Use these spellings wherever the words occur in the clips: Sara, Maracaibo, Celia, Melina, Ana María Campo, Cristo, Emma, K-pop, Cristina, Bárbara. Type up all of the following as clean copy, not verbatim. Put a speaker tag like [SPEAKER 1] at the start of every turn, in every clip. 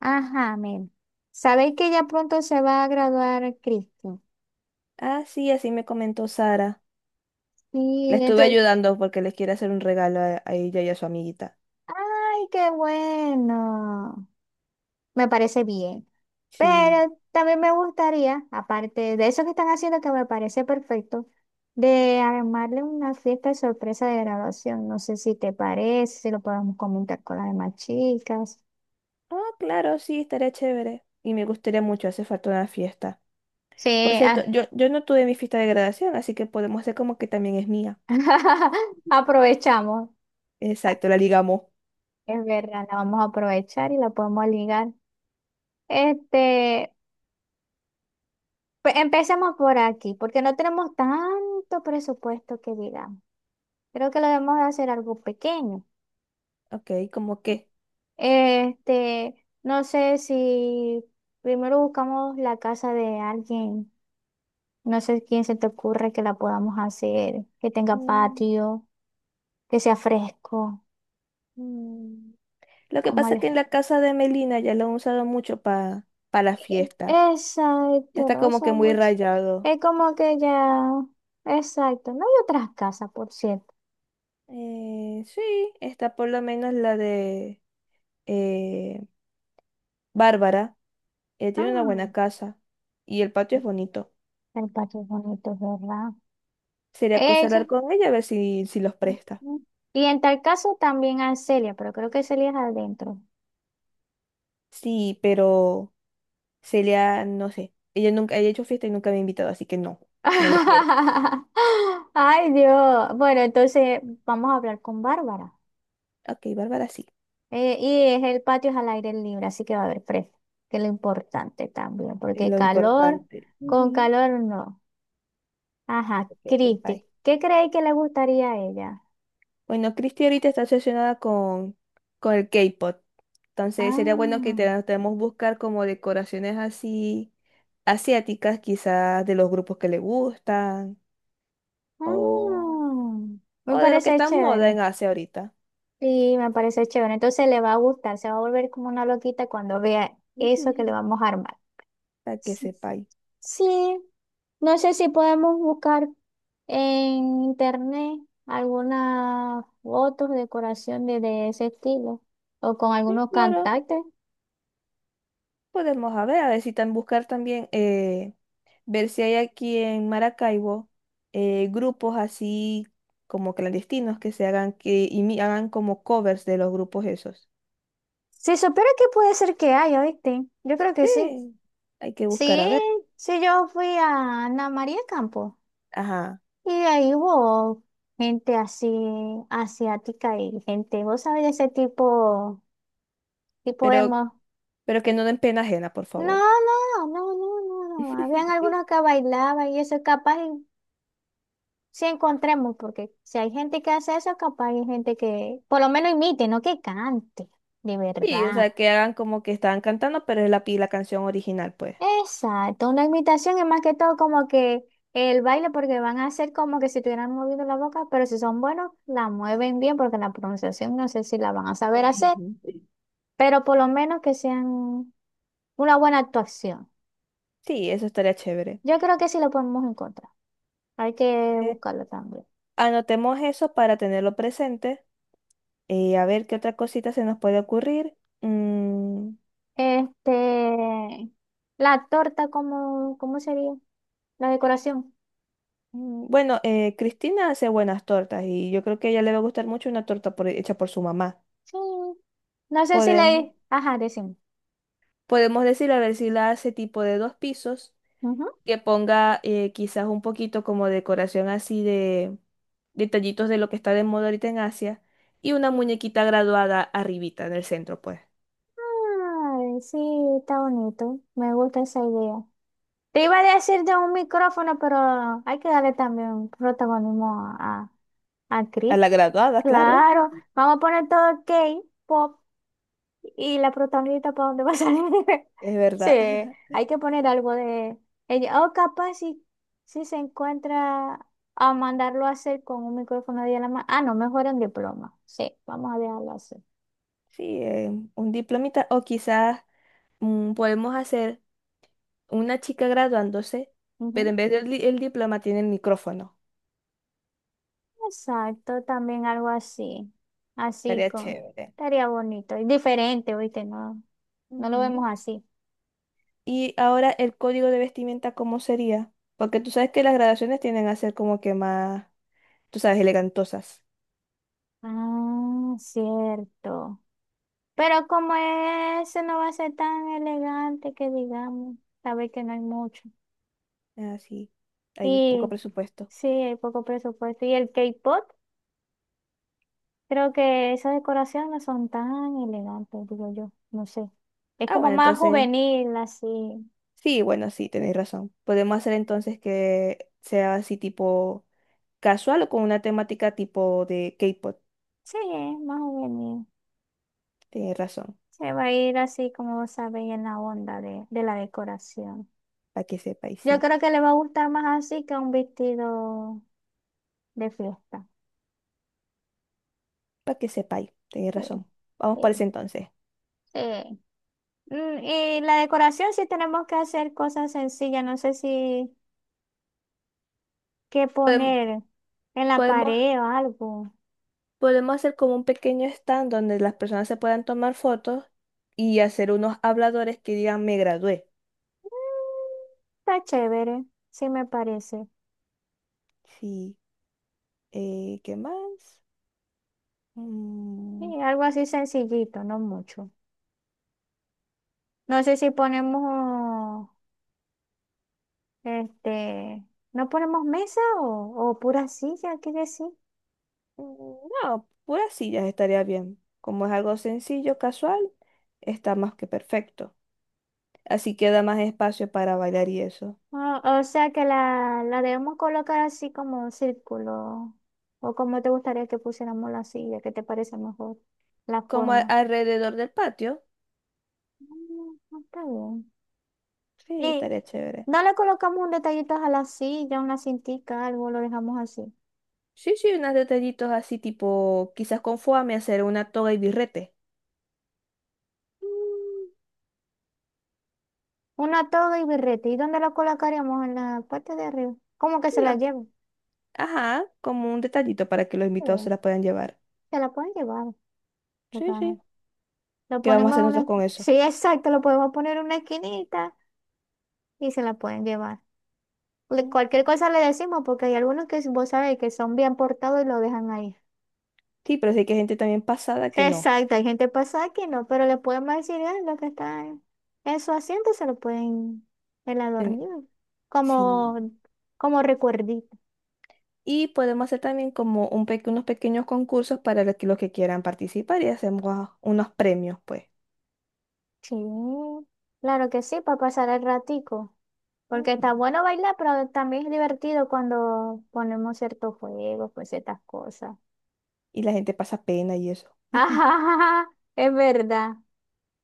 [SPEAKER 1] Ajá, men. Sabéis que ya pronto se va a graduar Cristo.
[SPEAKER 2] Ah, sí, así me comentó Sara. Le
[SPEAKER 1] Sí.
[SPEAKER 2] estuve ayudando porque les quiere hacer un regalo a ella y a su amiguita.
[SPEAKER 1] Qué bueno. Me parece bien.
[SPEAKER 2] Sí.
[SPEAKER 1] Pero también me gustaría, aparte de eso que están haciendo, que me parece perfecto, de armarle una fiesta de sorpresa de graduación. No sé si te parece, si lo podemos comentar con las demás chicas.
[SPEAKER 2] Ah, claro, sí, estaría chévere. Y me gustaría mucho, hace falta una fiesta. Por
[SPEAKER 1] Sí,
[SPEAKER 2] cierto, yo no tuve mi fiesta de graduación, así que podemos hacer como que también es mía.
[SPEAKER 1] aprovechamos. Ah,
[SPEAKER 2] Exacto, la ligamos.
[SPEAKER 1] Es verdad, la vamos a aprovechar y la podemos ligar. Este, Empecemos por aquí, porque no tenemos tanto presupuesto que digamos. Creo que lo debemos de hacer algo pequeño.
[SPEAKER 2] Ok, ¿como qué?
[SPEAKER 1] No sé si primero buscamos la casa de alguien, no sé quién se te ocurre que la podamos hacer, que tenga
[SPEAKER 2] Mm,
[SPEAKER 1] patio, que sea fresco,
[SPEAKER 2] mm. Lo que
[SPEAKER 1] como
[SPEAKER 2] pasa es
[SPEAKER 1] el...
[SPEAKER 2] que en la casa de Melina ya lo han usado mucho para la fiesta.
[SPEAKER 1] Exacto,
[SPEAKER 2] Ya está
[SPEAKER 1] lo
[SPEAKER 2] como
[SPEAKER 1] uso
[SPEAKER 2] que muy
[SPEAKER 1] mucho.
[SPEAKER 2] rayado.
[SPEAKER 1] Es como que ya, exacto, no hay otras casas, por cierto.
[SPEAKER 2] Sí, está por lo menos la de... eh, Bárbara, ella tiene una
[SPEAKER 1] Ah,
[SPEAKER 2] buena casa y el patio es bonito.
[SPEAKER 1] el patio es bonito, ¿verdad?
[SPEAKER 2] Sería cosa
[SPEAKER 1] Ella.
[SPEAKER 2] hablar con ella a ver si los presta.
[SPEAKER 1] Ujú. Y en tal caso también a Celia, pero creo que Celia es adentro.
[SPEAKER 2] Sí, pero Celia, no sé. Ella nunca ella ha hecho fiesta y nunca me ha invitado, así que no, no la quiero.
[SPEAKER 1] Ay, Dios. Bueno, entonces vamos a hablar con Bárbara.
[SPEAKER 2] Ok, Bárbara sí,
[SPEAKER 1] Y es el patio es al aire libre, así que va a haber fresco, que es lo importante también,
[SPEAKER 2] es
[SPEAKER 1] porque
[SPEAKER 2] lo
[SPEAKER 1] calor,
[SPEAKER 2] importante.
[SPEAKER 1] con
[SPEAKER 2] Ujú,
[SPEAKER 1] calor no. Ajá,
[SPEAKER 2] que
[SPEAKER 1] Cristi,
[SPEAKER 2] bye.
[SPEAKER 1] ¿qué creéis que le gustaría a ella?
[SPEAKER 2] Bueno, Cristi ahorita está obsesionada con el K-pop. Entonces sería bueno
[SPEAKER 1] Ah,
[SPEAKER 2] debemos buscar como decoraciones así asiáticas, quizás de los grupos que le gustan. O.
[SPEAKER 1] ah,
[SPEAKER 2] O
[SPEAKER 1] me
[SPEAKER 2] de lo que
[SPEAKER 1] parece
[SPEAKER 2] está en moda en
[SPEAKER 1] chévere.
[SPEAKER 2] Asia ahorita.
[SPEAKER 1] Sí, me parece chévere. Entonces le va a gustar, se va a volver como una loquita cuando vea eso que le
[SPEAKER 2] Ujú,
[SPEAKER 1] vamos a armar.
[SPEAKER 2] para que
[SPEAKER 1] S-
[SPEAKER 2] sepáis.
[SPEAKER 1] Sí, no sé si podemos buscar en internet algunas fotos, decoración de ese estilo o con
[SPEAKER 2] Sí,
[SPEAKER 1] algunos
[SPEAKER 2] claro,
[SPEAKER 1] cantantes.
[SPEAKER 2] podemos a ver si tan buscar también, ver si hay aquí en Maracaibo grupos así como clandestinos que se hagan, hagan como covers de los grupos esos.
[SPEAKER 1] Si supiera que puede ser que haya, ¿viste? Yo creo que sí.
[SPEAKER 2] Sí, hay que buscar
[SPEAKER 1] Sí,
[SPEAKER 2] a ver.
[SPEAKER 1] sí, yo fui a Ana María Campo.
[SPEAKER 2] Ajá,
[SPEAKER 1] Y ahí hubo gente así asiática y gente, vos sabés de ese tipo, tipo
[SPEAKER 2] pero,
[SPEAKER 1] emo.
[SPEAKER 2] pero que no den pena ajena, por
[SPEAKER 1] No,
[SPEAKER 2] favor.
[SPEAKER 1] no, no, no, no, no. Habían algunos que bailaban y eso capaz y sí encontremos, porque si hay gente que hace eso, capaz hay gente que por lo menos imite, no que cante, de
[SPEAKER 2] Sí, o
[SPEAKER 1] verdad.
[SPEAKER 2] sea, que hagan como que estaban cantando, pero es la canción original, pues.
[SPEAKER 1] Exacto, una imitación es más que todo como que el baile, porque van a hacer como que si tuvieran movido la boca, pero si son buenos, la mueven bien, porque la pronunciación no sé si la van a saber hacer. Pero por lo menos que sean una buena actuación.
[SPEAKER 2] Sí, eso estaría chévere.
[SPEAKER 1] Yo creo que sí lo podemos encontrar. Hay que buscarlo también.
[SPEAKER 2] Anotemos eso para tenerlo presente. A ver qué otra cosita se nos puede ocurrir. Mm,
[SPEAKER 1] Este, la torta, ¿cómo sería? La decoración.
[SPEAKER 2] bueno, Cristina hace buenas tortas y yo creo que a ella le va a gustar mucho una torta hecha por su mamá.
[SPEAKER 1] Sí. No sé si
[SPEAKER 2] Podemos,
[SPEAKER 1] le... Ajá, decimos.
[SPEAKER 2] podemos decir a ver si la hace tipo de dos pisos, que ponga quizás un poquito como decoración así de detallitos de lo que está de moda ahorita en Asia y una muñequita graduada arribita en el centro, pues.
[SPEAKER 1] Ay, sí, está bonito. Me gusta esa idea. Te iba a decir de un micrófono, pero hay que darle también protagonismo a
[SPEAKER 2] A
[SPEAKER 1] Cristi.
[SPEAKER 2] la graduada, claro,
[SPEAKER 1] Claro, vamos a poner todo K-pop. ¿Y la protagonista para dónde va a salir?
[SPEAKER 2] es
[SPEAKER 1] Sí,
[SPEAKER 2] verdad.
[SPEAKER 1] hay que poner algo de ella. O capaz si se encuentra a mandarlo a hacer con un micrófono de la mano. Ah, no, mejor en diploma. Sí, vamos a dejarlo hacer.
[SPEAKER 2] Sí, un diplomita. O quizás podemos hacer una chica graduándose, pero en
[SPEAKER 1] Ujú.
[SPEAKER 2] vez el diploma tiene el micrófono.
[SPEAKER 1] Exacto, también algo así. Así
[SPEAKER 2] Estaría
[SPEAKER 1] con.
[SPEAKER 2] chévere.
[SPEAKER 1] Estaría bonito. Y diferente, ¿viste? No, no lo vemos
[SPEAKER 2] Ujú.
[SPEAKER 1] así.
[SPEAKER 2] Y ahora el código de vestimenta, ¿cómo sería? Porque tú sabes que las graduaciones tienden a ser como que más, tú sabes, elegantosas.
[SPEAKER 1] Ah, cierto. Pero como ese no va a ser tan elegante que digamos, sabes que no hay mucho.
[SPEAKER 2] Así, hay poco
[SPEAKER 1] Y
[SPEAKER 2] presupuesto.
[SPEAKER 1] sí, hay poco presupuesto. Y el K-pop, creo que esas decoraciones no son tan elegantes, digo yo, no sé. Es
[SPEAKER 2] Ah,
[SPEAKER 1] como
[SPEAKER 2] bueno,
[SPEAKER 1] más
[SPEAKER 2] entonces,
[SPEAKER 1] juvenil, así.
[SPEAKER 2] sí, bueno, sí, tenéis razón. Podemos hacer entonces que sea así tipo casual o con una temática tipo de K-pop.
[SPEAKER 1] Sí, es más juvenil.
[SPEAKER 2] Tenéis razón.
[SPEAKER 1] Se va a ir así, como sabéis, en la onda de la decoración.
[SPEAKER 2] Para que sepáis,
[SPEAKER 1] Yo
[SPEAKER 2] sí.
[SPEAKER 1] creo que le va a gustar más así que un vestido de fiesta.
[SPEAKER 2] Para que sepáis, tenéis
[SPEAKER 1] Sí,
[SPEAKER 2] razón. Vamos por ese
[SPEAKER 1] sí,
[SPEAKER 2] entonces.
[SPEAKER 1] sí. Mm, y la decoración sí tenemos que hacer cosas sencillas, no sé si qué
[SPEAKER 2] Podem-
[SPEAKER 1] poner en la
[SPEAKER 2] Podemos,
[SPEAKER 1] pared o algo.
[SPEAKER 2] podemos hacer como un pequeño stand donde las personas se puedan tomar fotos y hacer unos habladores que digan me gradué.
[SPEAKER 1] Mm, está chévere, sí me parece.
[SPEAKER 2] Sí. ¿Qué más? Mm,
[SPEAKER 1] Y algo así sencillito, no mucho. No sé si ponemos, este, no ponemos mesa o pura silla, ¿qué decir?
[SPEAKER 2] mm, no, puras sillas estaría bien. Como es algo sencillo, casual, está más que perfecto. Así queda más espacio para bailar y eso.
[SPEAKER 1] O sea que la debemos colocar así como un círculo. O como te gustaría que pusiéramos la silla, ¿qué te parece mejor? La
[SPEAKER 2] Como
[SPEAKER 1] forma.
[SPEAKER 2] alrededor del patio.
[SPEAKER 1] Mm, está bien.
[SPEAKER 2] Sí,
[SPEAKER 1] Y
[SPEAKER 2] estaría chévere.
[SPEAKER 1] no le colocamos un detallito a la silla, una cintica, algo, lo dejamos así.
[SPEAKER 2] Sí, sí, unos detallitos así tipo, quizás con foame hacer una toga y birrete.
[SPEAKER 1] Mm, una toga y birrete. ¿Y dónde la colocaríamos? En la parte de arriba. ¿Cómo que se la
[SPEAKER 2] Ya.
[SPEAKER 1] llevan?
[SPEAKER 2] Ajá, como un detallito para que los invitados se
[SPEAKER 1] Eh,
[SPEAKER 2] la puedan llevar.
[SPEAKER 1] Se la pueden llevar. Porque,
[SPEAKER 2] Sí,
[SPEAKER 1] ajá,
[SPEAKER 2] sí.
[SPEAKER 1] lo
[SPEAKER 2] ¿Qué vamos a
[SPEAKER 1] ponemos en
[SPEAKER 2] hacer
[SPEAKER 1] una...
[SPEAKER 2] nosotros con eso?
[SPEAKER 1] Sí, exacto. Lo podemos poner en una esquinita y se la pueden llevar.
[SPEAKER 2] Mm.
[SPEAKER 1] Cualquier cosa le decimos porque hay algunos que vos sabés que son bien portados y lo dejan ahí.
[SPEAKER 2] Sí, pero sí que hay gente también pasada que no.
[SPEAKER 1] Exacto. Hay gente pasada que no, pero le podemos decir "Ah, lo que está en su asiento se lo pueden el
[SPEAKER 2] Ten-
[SPEAKER 1] adornillo.
[SPEAKER 2] Sí.
[SPEAKER 1] Como, como recuerdito.
[SPEAKER 2] Y podemos hacer también como unos pequeños concursos para los que quieran participar y hacemos unos premios, pues.
[SPEAKER 1] Sí, claro que sí, para pasar el ratico. Porque está
[SPEAKER 2] Ujú.
[SPEAKER 1] bueno bailar, pero también es divertido cuando ponemos ciertos juegos, pues ciertas cosas.
[SPEAKER 2] Y la gente pasa pena y eso.
[SPEAKER 1] Ajá, es verdad.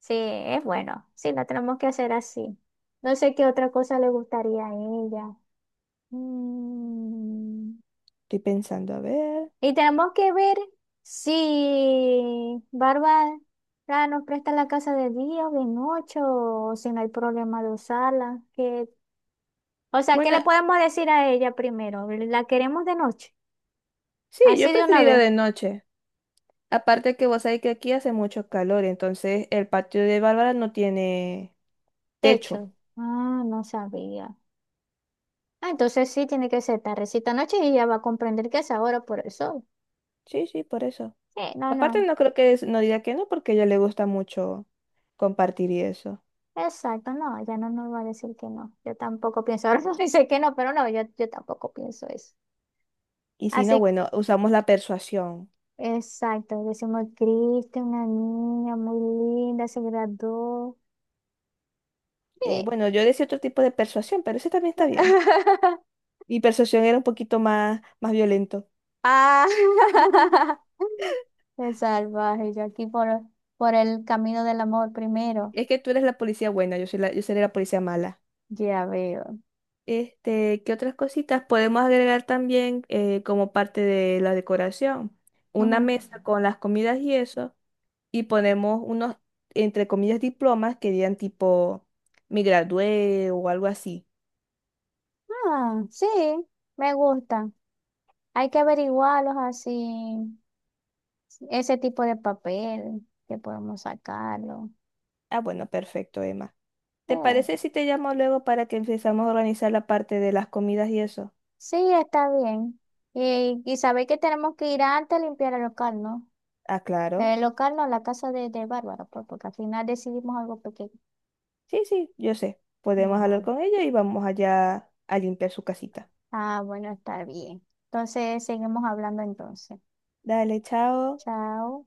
[SPEAKER 1] Sí, es bueno. Sí, lo tenemos que hacer así. No sé qué otra cosa le gustaría a ella.
[SPEAKER 2] Mm, Estoy pensando, a ver.
[SPEAKER 1] Y tenemos que ver si Bárbara nos presta la casa de día o de noche o si no hay problema de usarla. Que... O sea, ¿qué
[SPEAKER 2] Bueno,
[SPEAKER 1] le podemos decir a ella primero? ¿La queremos de noche?
[SPEAKER 2] sí,
[SPEAKER 1] Así
[SPEAKER 2] yo
[SPEAKER 1] de una
[SPEAKER 2] preferiría
[SPEAKER 1] vez.
[SPEAKER 2] de noche. Aparte que vos sabés que aquí hace mucho calor, entonces el patio de Bárbara no tiene techo.
[SPEAKER 1] Techo. Ah, no sabía. Ah, entonces sí tiene que ser tardecita noche y ella va a comprender que es ahora por el sol.
[SPEAKER 2] Sí, sí, por eso.
[SPEAKER 1] Sí, no,
[SPEAKER 2] Aparte
[SPEAKER 1] no.
[SPEAKER 2] no creo no diga que no, porque a ella le gusta mucho compartir y eso.
[SPEAKER 1] Exacto, no, ella no nos va a decir que no. Yo tampoco pienso, ahora no dice que no, pero no, yo tampoco pienso eso.
[SPEAKER 2] Y si no,
[SPEAKER 1] Así,
[SPEAKER 2] bueno, usamos la persuasión.
[SPEAKER 1] exacto, decimos, Cristo, una niña muy linda, se graduó. Sí.
[SPEAKER 2] Bueno, yo decía otro tipo de persuasión, pero ese también está bien. Mi persuasión era un poquito más, más violento.
[SPEAKER 1] Ah, el salvaje, yo aquí por el camino del amor primero.
[SPEAKER 2] Es que tú eres la policía buena, yo soy yo seré la policía mala.
[SPEAKER 1] Ya veo.
[SPEAKER 2] Este, ¿qué otras cositas podemos agregar también como parte de la decoración? Una
[SPEAKER 1] Ujú.
[SPEAKER 2] mesa con las comidas y eso, y ponemos entre comillas, diplomas que digan tipo, me gradué o algo así.
[SPEAKER 1] Ah, sí, me gustan. Hay que averiguarlos así, ese tipo de papel que podemos sacarlo.
[SPEAKER 2] Ah, bueno, perfecto, Emma. ¿Te
[SPEAKER 1] Eh,
[SPEAKER 2] parece si te llamo luego para que empezamos a organizar la parte de las comidas y eso?
[SPEAKER 1] sí, está bien. Y sabéis que tenemos que ir antes a limpiar el local, ¿no?
[SPEAKER 2] Ah, claro.
[SPEAKER 1] El local no, la casa de Bárbara, pues, porque al final decidimos algo pequeño.
[SPEAKER 2] Sí, sí, yo sé. Podemos
[SPEAKER 1] Ujú.
[SPEAKER 2] hablar con ella y vamos allá a limpiar su casita.
[SPEAKER 1] Ah, bueno, está bien. Entonces, seguimos hablando entonces.
[SPEAKER 2] Dale, chao.
[SPEAKER 1] Chao.